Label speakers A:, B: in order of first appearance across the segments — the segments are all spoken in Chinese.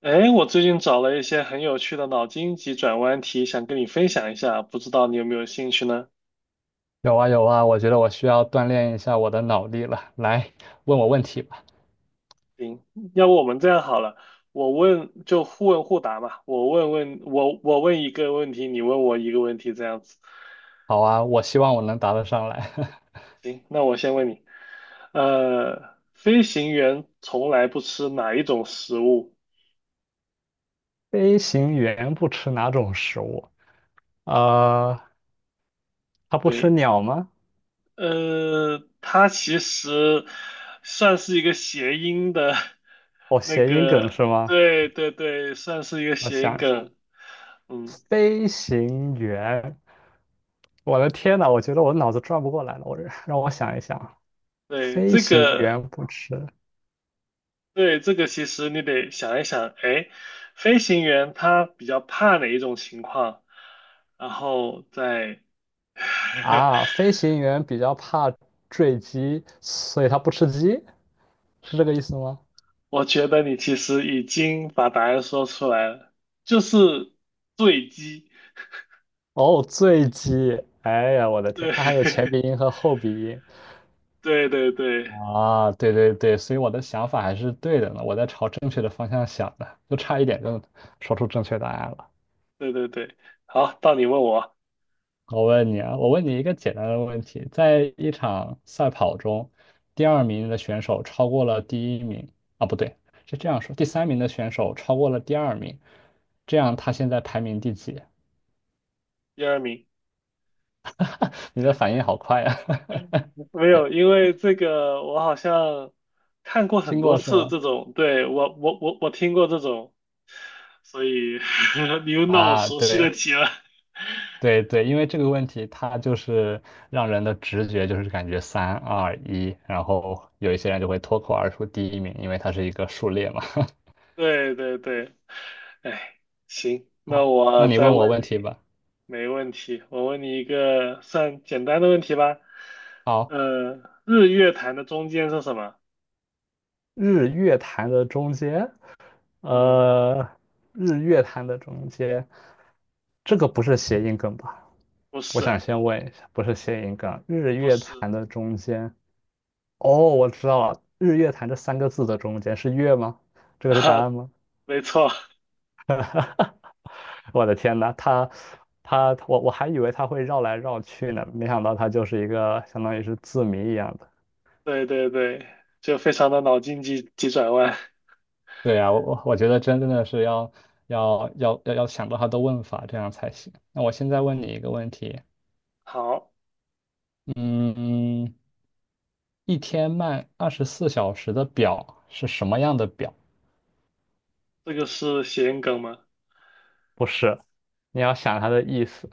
A: 哎，我最近找了一些很有趣的脑筋急转弯题，想跟你分享一下，不知道你有没有兴趣呢？
B: 有啊有啊，我觉得我需要锻炼一下我的脑力了。来，问我问题吧。
A: 行，要不我们这样好了，我问就互问互答嘛，我问问问一个问题，你问我一个问题，这样子。
B: 好啊，我希望我能答得上来。
A: 行，那我先问你，飞行员从来不吃哪一种食物？
B: 飞行员不吃哪种食物？呃，他不吃
A: 对，
B: 鸟吗？
A: 它其实算是一个谐音的，
B: 哦，谐音梗是吗？
A: 对对对，算是一个
B: 我
A: 谐音
B: 想一下
A: 梗。嗯，
B: 飞行员，我的天呐，我觉得我脑子转不过来了。让我想一想，
A: 对，
B: 飞
A: 这
B: 行
A: 个，
B: 员不吃
A: 对，这个其实你得想一想，哎，飞行员他比较怕哪一种情况，然后再，
B: 啊，飞行员比较怕坠机，所以他不吃鸡，是这个意思吗？
A: 我觉得你其实已经把答案说出来了，就是坠机。
B: 哦，醉鸡，哎呀，我的天，它还有前
A: 对，
B: 鼻音和后鼻音
A: 对对对
B: 啊！对对对，所以我的想法还是对的呢，我在朝正确的方向想的，就差一点就说出正确答案了。
A: 对对对，好，到你问我。
B: 我问你一个简单的问题，在一场赛跑中，第二名的选手超过了第一名啊，不对，是这样说，第三名的选手超过了第二名，这样他现在排名第几？
A: 第二名，
B: 你的反应好快呀、
A: 没有，因为这个我好像看过很
B: 听
A: 多
B: 过是
A: 次
B: 吗？
A: 这种，对，我听过这种，所以 你又让我
B: 啊，
A: 熟悉的
B: 对。
A: 题了。
B: 对对，因为这个问题，它就是让人的直觉就是感觉三二一，然后有一些人就会脱口而出第一名，因为它是一个数列嘛。
A: 对对对，哎，行，那
B: 好，那
A: 我
B: 你
A: 再
B: 问我
A: 问你，
B: 问题吧。
A: 没问题，我问你一个算简单的问题吧。
B: 好，
A: 呃，日月潭的中间是什么？
B: 日月潭的中间，
A: 嗯，
B: 呃，日月潭的中间，这个不是谐音梗吧？
A: 不
B: 我
A: 是，
B: 想先问一下，不是谐音梗，日
A: 不
B: 月
A: 是
B: 潭的中间，哦，我知道了，日月潭这三个字的中间是月吗？这个是答
A: 啊，
B: 案吗？
A: 没错，
B: 我的天呐，他他我我还以为他会绕来绕去呢，没想到他就是一个相当于是字谜一样的。
A: 对对对，就非常的脑筋急急转弯。
B: 对呀，我觉得真的是要想到它的问法，这样才行。那我现在问你
A: 嗯，
B: 一个问题，
A: 好。
B: 嗯，一天慢二十四小时的表是什么样的表？
A: 这个是谐音梗吗？
B: 不是，你要想它的意思，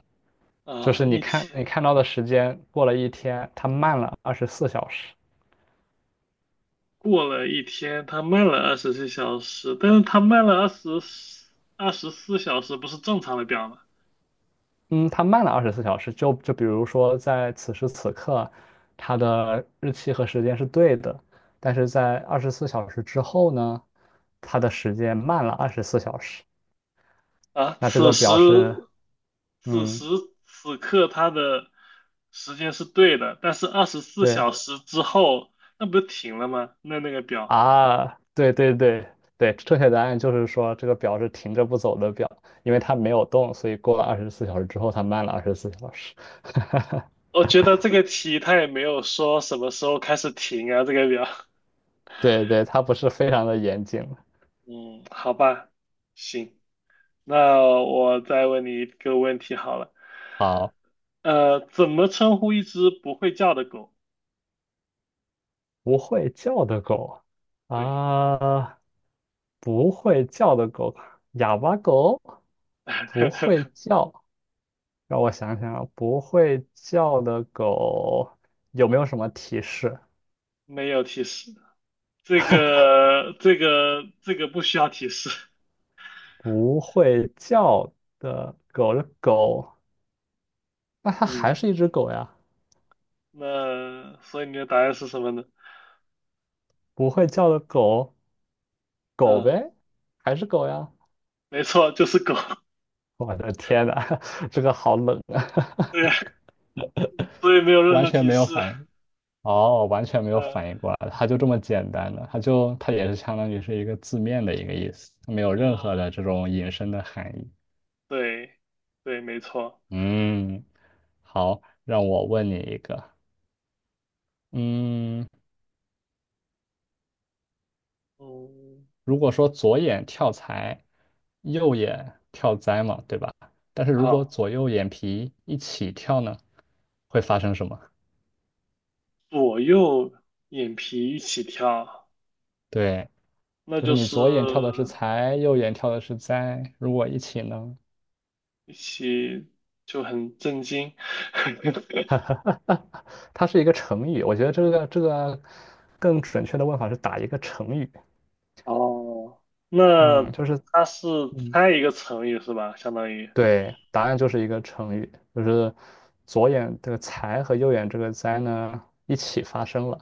B: 就是
A: 啊，
B: 你看你看到的时间过了一天，它慢了二十四小时。
A: 过了一天，他慢了二十四小时，但是他慢了二十四小时，不是正常的表吗？
B: 嗯，它慢了二十四小时，就比如说在此时此刻，它的日期和时间是对的，但是在二十四小时之后呢，它的时间慢了二十四小时。
A: 啊，
B: 那这个表示，
A: 此时
B: 嗯，
A: 此刻他的时间是对的，但是二十四
B: 对
A: 小时之后，那不是停了吗？那个表，
B: 啊，对对对对，正确答案就是说这个表是停着不走的表，因为它没有动，所以过了二十四小时之后，它慢了二十四小时。
A: 我觉得这个题他也没有说什么时候开始停啊，这个表。
B: 对对，它不是非常的严谨。
A: 嗯，好吧，行，那我再问你一个问题好了。
B: 好，
A: 怎么称呼一只不会叫的狗？
B: 不会叫的狗
A: 对，
B: 啊。不会叫的狗，哑巴狗，不会 叫。让我想想啊，不会叫的狗有没有什么提示？
A: 没有提示，这个不需要提示。
B: 不会叫的狗，的狗，那它还
A: 嗯，
B: 是一只狗呀？
A: 那所以你的答案是什么呢？
B: 不会叫的狗，狗
A: 啊，
B: 呗，还是狗呀？
A: 没错，就是狗。
B: 我的天呐，这个好冷啊，
A: 对呀，所以没有 任
B: 完
A: 何
B: 全
A: 提
B: 没有
A: 示。
B: 反应。哦，完全没
A: 嗯
B: 有反应过来，它就这么简单的，它就它也是相当于是一个字面的一个意思，它没有任何的
A: 嗯，
B: 这种引申的含义。
A: 对对，没错。
B: 嗯，好，让我问你一个，嗯，
A: 嗯，
B: 如果说左眼跳财，右眼跳灾嘛，对吧？但是如果
A: 好，
B: 左右眼皮一起跳呢，会发生什么？
A: 左右眼皮一起跳，
B: 对，
A: 那
B: 就是
A: 就
B: 你
A: 是
B: 左眼跳的是财，右眼跳的是灾，如果一起呢？
A: 一起就很震惊。
B: 哈 哈哈哈它是一个成语，我觉得这个更准确的问法是打一个成语。
A: 哦，
B: 嗯
A: 那
B: 就是，
A: 它是
B: 嗯
A: 猜一个成语是吧？相当于，
B: 对，答案就是一个成语，就是左眼这个财和右眼这个灾呢一起发生了。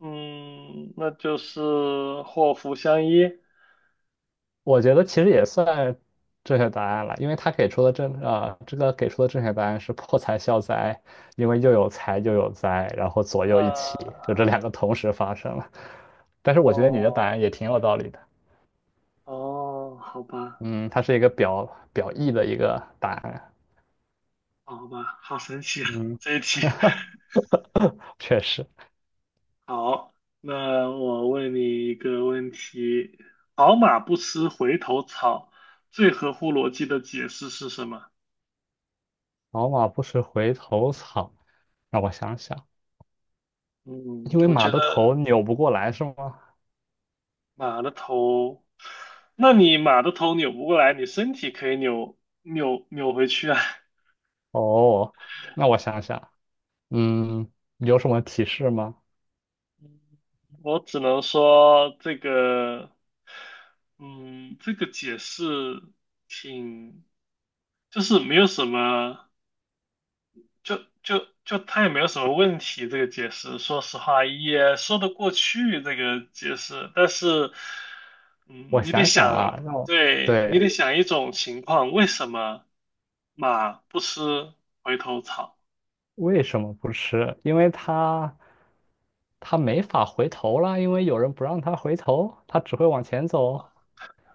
A: 嗯，那就是祸福相依。
B: 我觉得其实也算正确答案了，因为他给出的正啊、这个给出的正确答案是破财消灾，因为又有财又有灾，然后左右一
A: 呃，
B: 起，就这两个同时发生了。但是我觉得你的答
A: 哦，
B: 案也挺有道理的。
A: 哦，好吧，
B: 嗯，它是一个表意的一个答案。
A: 哦好吧，好神奇啊，
B: 嗯，
A: 这一题。
B: 确实，
A: 好，那我问你一个问题：好马不吃回头草，最合乎逻辑的解释是什么？
B: 老马不吃回头草。让我想想，
A: 嗯，
B: 因为
A: 我
B: 马
A: 觉
B: 的头
A: 得。
B: 扭不过来是吗？
A: 马的头，那你马的头扭不过来，你身体可以扭回去啊。
B: 哦，那我想想，嗯，有什么提示吗？
A: 我只能说这个，嗯，这个解释挺，就是没有什么。就他也没有什么问题，这个解释，说实话也说得过去，这个解释。但是，嗯，
B: 我
A: 你得
B: 想想啊，
A: 想，
B: 让我，
A: 对，你
B: 对，
A: 得想一种情况，为什么马不吃回头草？
B: 为什么不吃？因为它没法回头了，因为有人不让它回头，它只会往前走。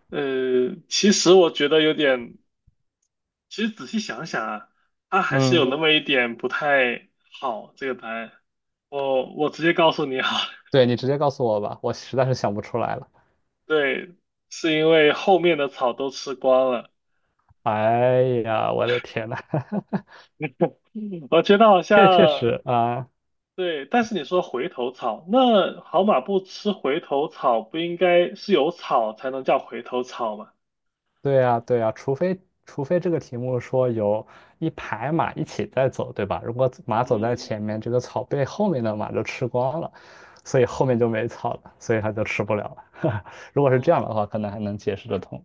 A: 呃，其实我觉得有点，其实仔细想想啊，它还是有
B: 嗯，
A: 那么一点不太好，这个答案。直接告诉你好了
B: 对，你直接告诉我吧，我实在是想不出来了。
A: 对，是因为后面的草都吃光了。
B: 哎呀，我的天呐，
A: 嗯我觉得好
B: 确确
A: 像，
B: 实啊，
A: 对，但是你说回头草，那好马不吃回头草，不应该是有草才能叫回头草吗？
B: 对呀，对呀，除非这个题目说有一排马一起在走，对吧？如果马走在
A: 嗯
B: 前面，这个草被后面的马就吃光了，所以后面就没草了，所以它就吃不了了。如果是这样
A: 嗯，
B: 的话，可能还能解释得通。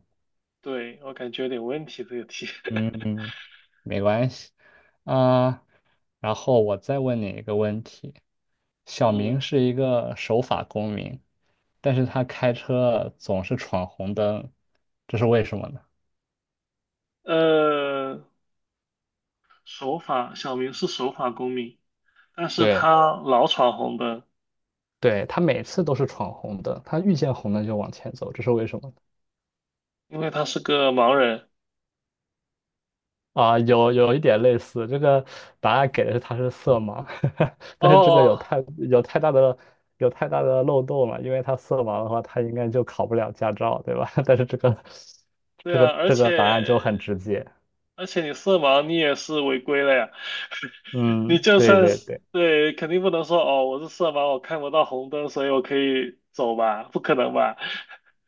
A: 对，我感觉有点问题这个题。
B: 嗯嗯，没关系。啊、然后我再问你一个问题：小明
A: 嗯
B: 是一个守法公民，但是他开车总是闯红灯，这是为什么呢？
A: 呃，守法，小明是守法公民，但是
B: 对，
A: 他老闯红灯，
B: 对，他每次都是闯红灯，他遇见红灯就往前走，这是为什么呢？
A: 因为他是个盲人。
B: 啊，有有一点类似，这个答案给的是他是色盲，但是
A: 哦，
B: 有太大的漏洞了，因为他色盲的话，他应该就考不了驾照，对吧？但是这个
A: 对
B: 这个
A: 啊，
B: 这个答案就很直接，
A: 而且你色盲，你也是违规了呀。你
B: 嗯，
A: 就
B: 对
A: 算
B: 对
A: 是
B: 对
A: 对，肯定不能说哦，我是色盲，我看不到红灯，所以我可以走吧？不可能吧？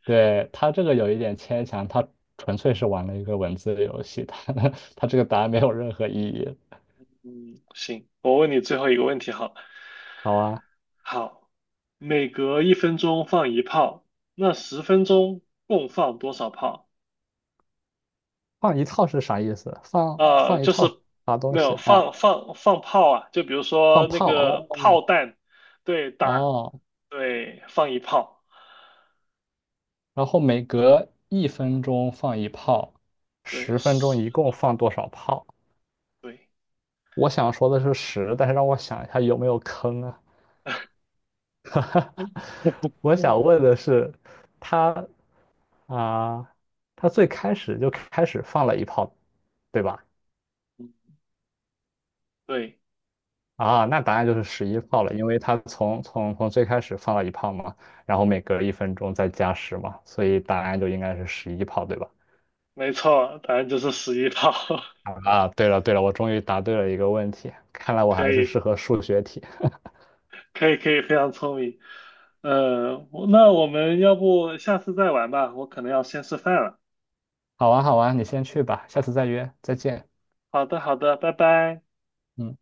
B: 对，他这个有一点牵强，他纯粹是玩了一个文字游戏，他 他这个答案没有任何意义。
A: 嗯，行，我问你最后一个问题好了
B: 好啊，
A: 好，每隔一分钟放一炮，那十分钟共放多少炮？
B: 放一套是啥意思？放放一
A: 就是
B: 套啥东
A: 没
B: 西
A: 有
B: 啊？
A: 放炮啊，就比如说
B: 放
A: 那
B: 炮
A: 个
B: 哦，
A: 炮弹，对，打，
B: 哦，
A: 对，放一炮，
B: 然后每隔一分钟放一炮，
A: 对，
B: 10分钟
A: 十
B: 一
A: 分
B: 共
A: 钟，
B: 放多少炮？
A: 对。
B: 我想说的是十，但是让我想一下有没有坑啊？我想问的是，他啊，他最开始就开始放了一炮，对吧？
A: 对，
B: 啊，那答案就是十一炮了，因为他从最开始放了一炮嘛，然后每隔一分钟再加十嘛，所以答案就应该是十一炮，对吧？
A: 没错，答案就是11套，
B: 啊，对了对了，我终于答对了一个问题，看来我
A: 可
B: 还是适
A: 以，
B: 合数学题。
A: 可以，可以，非常聪明。嗯，我那我们要不下次再玩吧，我可能要先吃饭了。
B: 好玩好玩，你先去吧，下次再约，再见。
A: 好的，好的，拜拜。
B: 嗯。